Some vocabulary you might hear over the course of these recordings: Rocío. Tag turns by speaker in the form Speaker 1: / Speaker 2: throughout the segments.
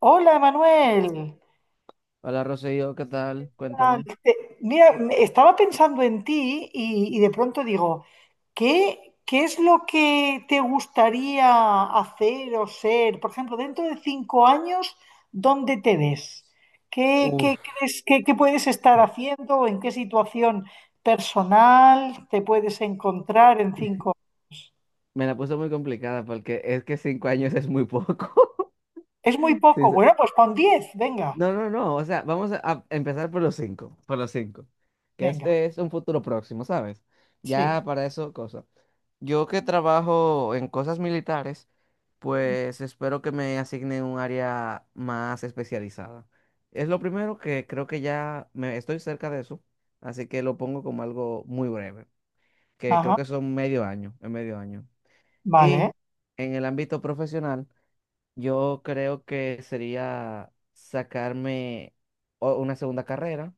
Speaker 1: Hola, Manuel.
Speaker 2: Hola Rocío, ¿qué tal?
Speaker 1: Ah,
Speaker 2: Cuéntame.
Speaker 1: Mira, estaba pensando en ti y de pronto digo, ¿Qué es lo que te gustaría hacer o ser? Por ejemplo, dentro de 5 años, ¿dónde te ves? ¿Qué,
Speaker 2: Uf.
Speaker 1: qué crees que puedes estar haciendo? ¿En qué situación personal te puedes encontrar en cinco?
Speaker 2: Me la puse muy complicada porque es que 5 años es muy poco.
Speaker 1: Es muy
Speaker 2: Sí,
Speaker 1: poco. Bueno, pues pon 10. Venga,
Speaker 2: no, no, no. O sea, vamos a empezar por los cinco. Por los cinco. Que
Speaker 1: venga.
Speaker 2: este es un futuro próximo, ¿sabes?
Speaker 1: Sí.
Speaker 2: Ya para eso, cosa. Yo que trabajo en cosas militares, pues espero que me asigne un área más especializada. Es lo primero que creo que ya me estoy cerca de eso, así que lo pongo como algo muy breve. Que creo
Speaker 1: Ajá.
Speaker 2: que son medio año, en medio año. Y
Speaker 1: Vale.
Speaker 2: en el ámbito profesional, yo creo que sería sacarme una segunda carrera,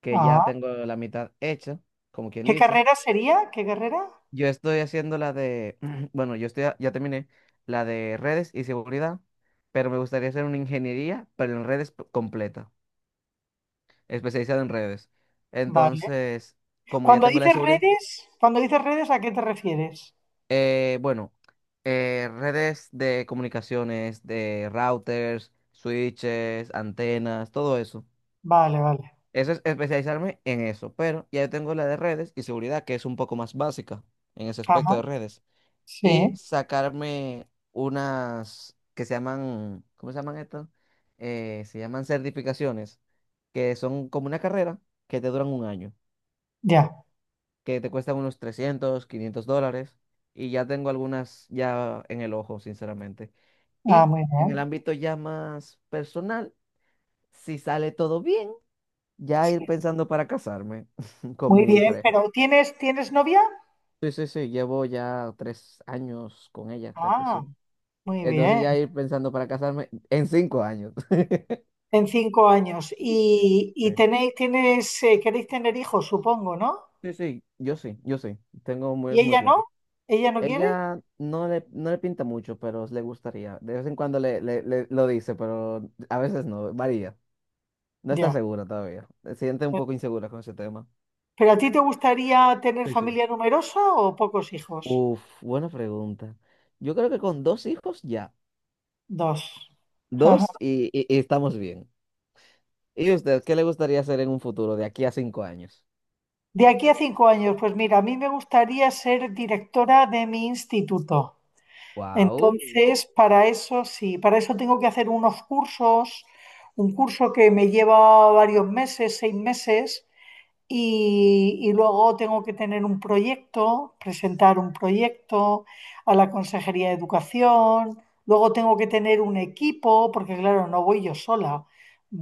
Speaker 2: que ya
Speaker 1: Ah.
Speaker 2: tengo la mitad hecha, como quien
Speaker 1: ¿Qué
Speaker 2: dice.
Speaker 1: carrera sería? ¿Qué carrera?
Speaker 2: Yo estoy haciendo la de, bueno, yo estoy, ya terminé la de redes y seguridad, pero me gustaría hacer una ingeniería, pero en redes completa, especializada en redes.
Speaker 1: Vale.
Speaker 2: Entonces, como ya tengo la de seguridad.
Speaker 1: Cuando dices redes, ¿a qué te refieres?
Speaker 2: Bueno, redes de comunicaciones, de routers, switches, antenas, todo eso.
Speaker 1: Vale, vale.
Speaker 2: Eso es especializarme en eso, pero ya yo tengo la de redes y seguridad, que es un poco más básica en ese
Speaker 1: Ajá.
Speaker 2: aspecto de redes.
Speaker 1: Sí,
Speaker 2: Y sacarme unas que se llaman, ¿cómo se llaman estas? Se llaman certificaciones, que son como una carrera que te duran un año
Speaker 1: ya.
Speaker 2: que te cuestan unos $300-$500 y ya tengo algunas ya en el ojo, sinceramente.
Speaker 1: Ah,
Speaker 2: Y
Speaker 1: muy
Speaker 2: en el
Speaker 1: bien.
Speaker 2: ámbito ya más personal, si sale todo bien, ya
Speaker 1: Sí.
Speaker 2: ir pensando para casarme con
Speaker 1: Muy
Speaker 2: mi
Speaker 1: bien,
Speaker 2: pareja.
Speaker 1: pero ¿tienes, tienes novia?
Speaker 2: Sí, sí, sí, llevo ya 3 años con ella, creo que
Speaker 1: Ah,
Speaker 2: son.
Speaker 1: muy
Speaker 2: Entonces
Speaker 1: bien.
Speaker 2: ya ir pensando para casarme en 5 años.
Speaker 1: En 5 años. Y,
Speaker 2: Sí,
Speaker 1: y tenéis, tienes, queréis tener hijos, supongo, ¿no?
Speaker 2: sí, sí, yo sí, yo sí, tengo muy,
Speaker 1: ¿Y
Speaker 2: eso muy
Speaker 1: ella
Speaker 2: claro.
Speaker 1: no? ¿Ella no quiere?
Speaker 2: Ella no le, no le pinta mucho, pero le gustaría. De vez en cuando lo dice, pero a veces no, varía. No está
Speaker 1: Ya.
Speaker 2: segura todavía. Se siente un poco insegura con ese tema.
Speaker 1: ¿Pero a ti te gustaría tener
Speaker 2: Sí, sí.
Speaker 1: familia numerosa o pocos hijos?
Speaker 2: Uf, buena pregunta. Yo creo que con dos hijos ya.
Speaker 1: Dos.
Speaker 2: Dos y estamos bien. ¿Y usted qué le gustaría hacer en un futuro de aquí a 5 años?
Speaker 1: De aquí a 5 años, pues mira, a mí me gustaría ser directora de mi instituto.
Speaker 2: Wow,
Speaker 1: Entonces, para eso sí, para eso tengo que hacer unos cursos, un curso que me lleva varios meses, 6 meses, y luego tengo que tener un proyecto, presentar un proyecto a la Consejería de Educación. Luego tengo que tener un equipo, porque claro, no voy yo sola.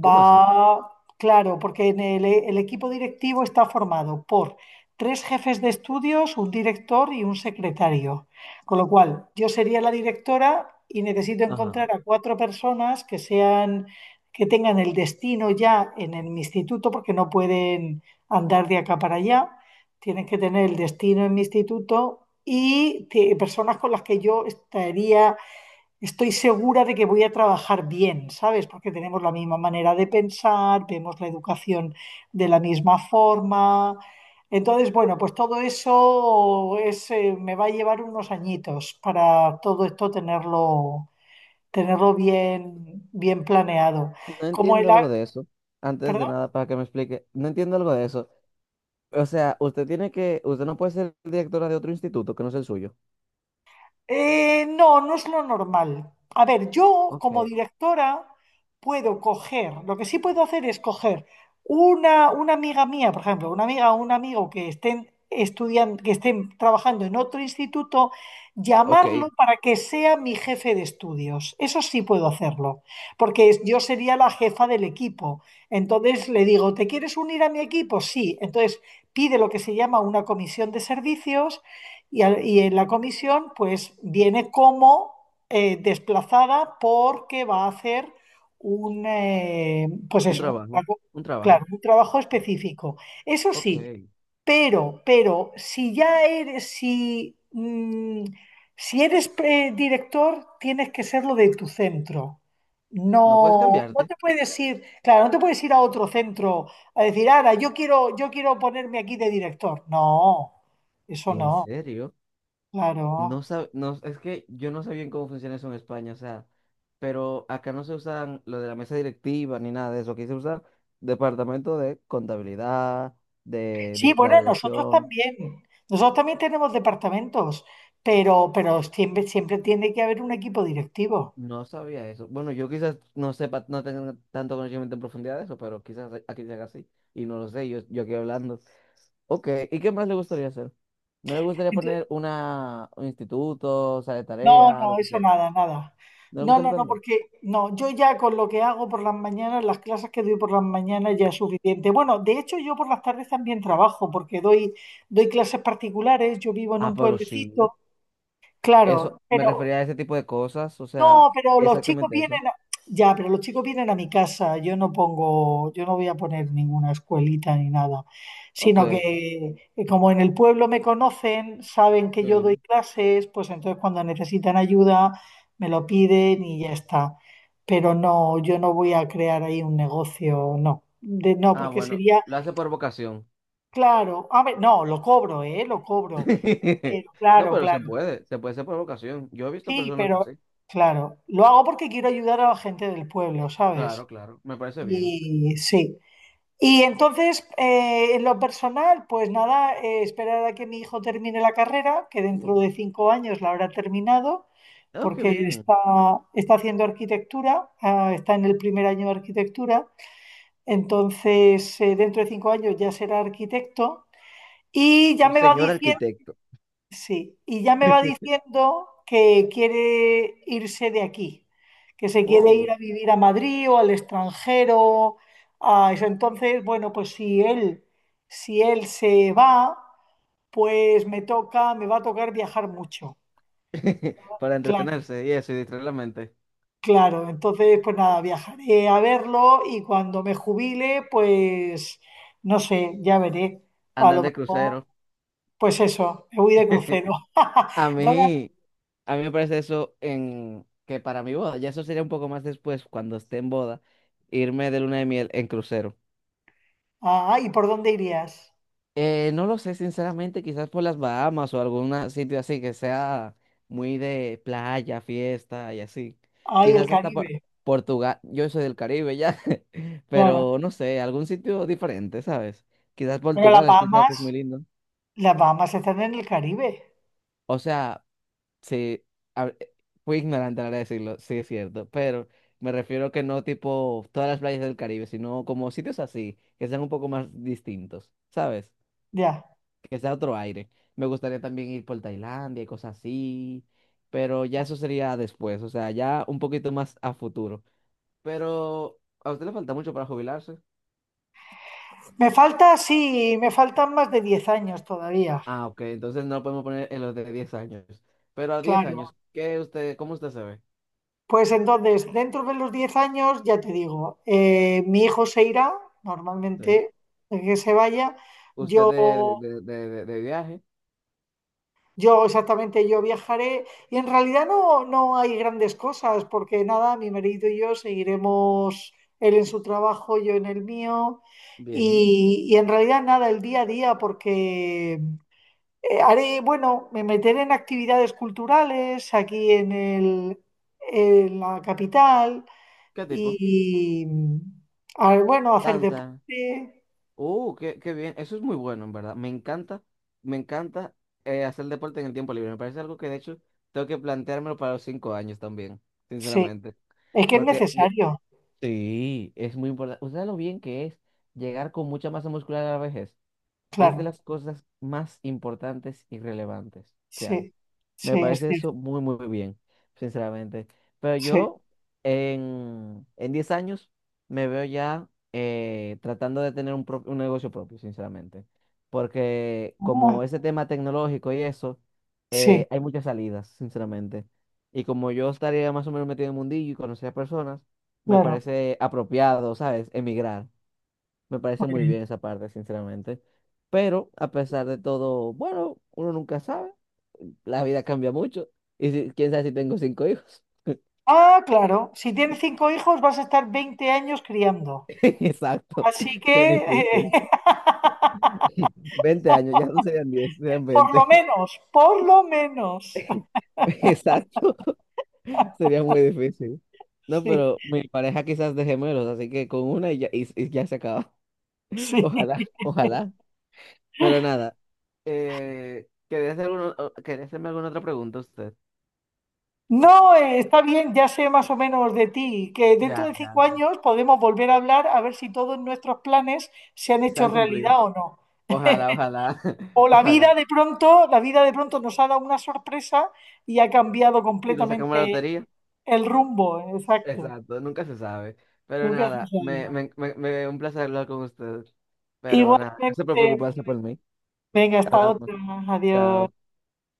Speaker 2: ¿cómo así?
Speaker 1: claro, porque en el equipo directivo está formado por tres jefes de estudios, un director y un secretario. Con lo cual, yo sería la directora y necesito
Speaker 2: Ajá.
Speaker 1: encontrar a cuatro personas que sean, que tengan el destino ya en el instituto, porque no pueden andar de acá para allá, tienes que tener el destino en mi instituto y personas con las que yo estaría, estoy segura de que voy a trabajar bien, ¿sabes? Porque tenemos la misma manera de pensar, vemos la educación de la misma forma. Entonces, bueno, pues todo eso es, me va a llevar unos añitos para todo esto tenerlo, tenerlo bien, bien planeado.
Speaker 2: No
Speaker 1: Como
Speaker 2: entiendo algo de eso. Antes de
Speaker 1: ¿Perdón?
Speaker 2: nada, para que me explique, no entiendo algo de eso. O sea, usted tiene que, usted no puede ser directora de otro instituto que no sea el suyo.
Speaker 1: No, no es lo normal. A ver, yo
Speaker 2: Ok,
Speaker 1: como directora puedo coger, lo que sí puedo hacer es coger una amiga mía, por ejemplo, una amiga o un amigo que estén estudiando, que estén trabajando en otro instituto,
Speaker 2: ok,
Speaker 1: llamarlo para que sea mi jefe de estudios. Eso sí puedo hacerlo, porque yo sería la jefa del equipo. Entonces le digo, ¿te quieres unir a mi equipo? Sí. Entonces pide lo que se llama una comisión de servicios y en la comisión pues viene como desplazada porque va a hacer un, pues
Speaker 2: un
Speaker 1: eso,
Speaker 2: trabajo, un trabajo.
Speaker 1: claro, un trabajo
Speaker 2: Sí.
Speaker 1: específico. Eso
Speaker 2: Ok,
Speaker 1: sí, pero si ya eres, si, mm, si eres director, tienes que serlo de tu centro.
Speaker 2: no puedes
Speaker 1: No, no
Speaker 2: cambiarte.
Speaker 1: te puedes ir, claro, no te puedes ir a otro centro a decir, ahora, yo quiero ponerme aquí de director. No, eso
Speaker 2: ¿En
Speaker 1: no.
Speaker 2: serio? No
Speaker 1: Claro.
Speaker 2: sab- no, es que yo no sé bien cómo funciona eso en España, o sea, pero acá no se usan lo de la mesa directiva ni nada de eso. Aquí se usa departamento de contabilidad,
Speaker 1: Sí,
Speaker 2: la
Speaker 1: bueno, nosotros
Speaker 2: dirección.
Speaker 1: también. Nosotros también tenemos departamentos, pero siempre, siempre tiene que haber un equipo directivo.
Speaker 2: No sabía eso. Bueno, yo quizás no sepa, no tenga tanto conocimiento en profundidad de eso, pero quizás aquí se haga así. Y no lo sé, yo aquí hablando. Ok, ¿y qué más le gustaría hacer? ¿No le gustaría
Speaker 1: Entonces,
Speaker 2: poner una, un instituto, o sea, de
Speaker 1: no,
Speaker 2: tarea, lo
Speaker 1: no,
Speaker 2: que
Speaker 1: eso
Speaker 2: sea?
Speaker 1: nada, nada.
Speaker 2: ¿No le
Speaker 1: No,
Speaker 2: gusta
Speaker 1: no, no,
Speaker 2: emprender?
Speaker 1: porque no, yo ya con lo que hago por las mañanas, las clases que doy por las mañanas ya es suficiente. Bueno, de hecho yo por las tardes también trabajo porque doy clases particulares, yo vivo en
Speaker 2: Ah,
Speaker 1: un
Speaker 2: pero sí.
Speaker 1: pueblecito,
Speaker 2: Eso,
Speaker 1: claro,
Speaker 2: me
Speaker 1: pero
Speaker 2: refería a ese tipo de cosas, o sea,
Speaker 1: no, pero los chicos
Speaker 2: exactamente eso.
Speaker 1: vienen, ya, pero los chicos vienen a mi casa. Yo no pongo, yo no voy a poner ninguna escuelita ni nada,
Speaker 2: Ok,
Speaker 1: sino que como en el pueblo me conocen, saben que yo doy
Speaker 2: sí.
Speaker 1: clases, pues entonces cuando necesitan ayuda me lo piden y ya está. Pero no, yo no voy a crear ahí un negocio, no, no,
Speaker 2: Ah,
Speaker 1: porque
Speaker 2: bueno,
Speaker 1: sería,
Speaker 2: lo hace por vocación.
Speaker 1: claro, a ver, no, lo cobro, ¿eh? Lo cobro, pero
Speaker 2: No,
Speaker 1: claro,
Speaker 2: pero
Speaker 1: claro.
Speaker 2: se puede hacer por vocación. Yo he visto
Speaker 1: Sí,
Speaker 2: personas
Speaker 1: pero
Speaker 2: así.
Speaker 1: claro, lo hago porque quiero ayudar a la gente del pueblo, ¿sabes?
Speaker 2: Claro, claro, me parece bien.
Speaker 1: Y sí. Y entonces, en lo personal, pues nada, esperar a que mi hijo termine la carrera, que dentro de 5 años la habrá terminado,
Speaker 2: Oh, qué
Speaker 1: porque
Speaker 2: bien.
Speaker 1: está haciendo arquitectura, ah, está en el primer año de arquitectura, entonces dentro de 5 años ya será arquitecto y ya
Speaker 2: Un
Speaker 1: me va
Speaker 2: señor
Speaker 1: diciendo.
Speaker 2: arquitecto.
Speaker 1: Sí, y ya me va diciendo que quiere irse de aquí, que se quiere ir
Speaker 2: Oh,
Speaker 1: a vivir a Madrid o al extranjero, a eso. Entonces, bueno, pues si él, si él se va, pues me toca, me va a tocar viajar mucho.
Speaker 2: para
Speaker 1: Claro,
Speaker 2: entretenerse y eso, y distraer la mente.
Speaker 1: claro. Entonces, pues nada, viajaré a verlo y cuando me jubile, pues no sé, ya veré. A
Speaker 2: Andar
Speaker 1: lo
Speaker 2: de
Speaker 1: mejor,
Speaker 2: crucero.
Speaker 1: pues eso, me voy de crucero.
Speaker 2: A
Speaker 1: ¿Dónde-
Speaker 2: mí, a mí me parece eso en que para mi boda, ya eso sería un poco más después, cuando esté en boda, irme de luna de miel en crucero.
Speaker 1: Ah, ¿y por dónde irías?
Speaker 2: No lo sé, sinceramente, quizás por las Bahamas o algún sitio así que sea muy de playa, fiesta y así.
Speaker 1: Ay, el
Speaker 2: Quizás hasta
Speaker 1: Caribe,
Speaker 2: Portugal, yo soy del Caribe ya,
Speaker 1: claro.
Speaker 2: pero no sé, algún sitio diferente, ¿sabes? Quizás
Speaker 1: Pero
Speaker 2: Portugal, he escuchado que es muy lindo.
Speaker 1: Las Bahamas están en el Caribe,
Speaker 2: O sea, sí, a- fui ignorante a la hora de decirlo, sí es cierto, pero me refiero que no tipo todas las playas del Caribe, sino como sitios así, que sean un poco más distintos, ¿sabes?
Speaker 1: ya.
Speaker 2: Que sea otro aire. Me gustaría también ir por Tailandia y cosas así, pero ya eso sería después, o sea, ya un poquito más a futuro. Pero a usted le falta mucho para jubilarse.
Speaker 1: Me falta, sí, me faltan más de 10 años todavía,
Speaker 2: Ah, ok, entonces no lo podemos poner en los de 10 años. Pero a 10
Speaker 1: claro.
Speaker 2: años, ¿qué usted, cómo usted se ve?
Speaker 1: Pues entonces, dentro de los 10 años, ya te digo, mi hijo se irá,
Speaker 2: Sí.
Speaker 1: normalmente, el que se vaya.
Speaker 2: ¿Usted
Speaker 1: Yo
Speaker 2: de viaje?
Speaker 1: Yo exactamente, yo viajaré y en realidad no, no hay grandes cosas porque nada, mi marido y yo seguiremos él en su trabajo, yo en el mío
Speaker 2: Bien.
Speaker 1: y en realidad nada, el día a día porque haré, bueno, me meteré en actividades culturales aquí en el, en la capital
Speaker 2: ¿Qué tipo?
Speaker 1: y, a ver, bueno, hacer
Speaker 2: Danza.
Speaker 1: deporte,
Speaker 2: Qué bien. Eso es muy bueno, en verdad. Me encanta hacer deporte en el tiempo libre. Me parece algo que de hecho tengo que planteármelo para los 5 años también,
Speaker 1: sí,
Speaker 2: sinceramente.
Speaker 1: es que es
Speaker 2: Porque
Speaker 1: necesario,
Speaker 2: sí, es muy importante. Ustedes lo bien que es llegar con mucha masa muscular a la vejez. Es de
Speaker 1: claro,
Speaker 2: las cosas más importantes y relevantes que hay.
Speaker 1: sí, sí,
Speaker 2: Me
Speaker 1: es
Speaker 2: parece
Speaker 1: cierto,
Speaker 2: eso muy, muy bien, sinceramente. Pero
Speaker 1: sí.
Speaker 2: yo en 10 años me veo ya tratando de tener un negocio propio, sinceramente. Porque
Speaker 1: Ah.
Speaker 2: como ese tema tecnológico y eso,
Speaker 1: Sí,
Speaker 2: hay muchas salidas, sinceramente. Y como yo estaría más o menos metido en el mundillo y conocer a personas, me
Speaker 1: claro.
Speaker 2: parece apropiado, ¿sabes? Emigrar. Me
Speaker 1: Muy
Speaker 2: parece muy
Speaker 1: bien.
Speaker 2: bien esa parte, sinceramente. Pero a pesar de todo, bueno, uno nunca sabe. La vida cambia mucho. Quién sabe si tengo cinco hijos.
Speaker 1: Ah, claro. Si tienes cinco hijos, vas a estar 20 años criando.
Speaker 2: Exacto.
Speaker 1: Así
Speaker 2: Qué
Speaker 1: que,
Speaker 2: difícil. Veinte años, ya no serían 10 serían
Speaker 1: por lo
Speaker 2: 20,
Speaker 1: menos, por lo menos.
Speaker 2: Exacto. Sería muy difícil. No,
Speaker 1: Sí,
Speaker 2: pero mi pareja quizás de gemelos, así que con una y ya, y ya se acaba.
Speaker 1: sí.
Speaker 2: Ojalá, ojalá. Pero nada. ¿Quería hacerme alguna otra pregunta usted?
Speaker 1: No, está bien, ya sé más o menos de ti, que dentro
Speaker 2: Ya,
Speaker 1: de
Speaker 2: ya.
Speaker 1: 5 años podemos volver a hablar a ver si todos nuestros planes se han
Speaker 2: Se
Speaker 1: hecho
Speaker 2: han cumplido.
Speaker 1: realidad o no.
Speaker 2: Ojalá, ojalá,
Speaker 1: O la vida
Speaker 2: ojalá.
Speaker 1: de pronto, la vida de pronto nos ha dado una sorpresa y ha cambiado
Speaker 2: Y nos sacamos
Speaker 1: completamente
Speaker 2: la lotería.
Speaker 1: el rumbo. Exacto.
Speaker 2: Exacto, nunca se sabe. Pero
Speaker 1: Nunca se
Speaker 2: nada,
Speaker 1: sabe.
Speaker 2: un placer hablar con ustedes. Pero nada, gracias por
Speaker 1: Igualmente.
Speaker 2: preocuparse por mí.
Speaker 1: Venga, hasta
Speaker 2: Hablamos.
Speaker 1: otra. Adiós.
Speaker 2: Chao.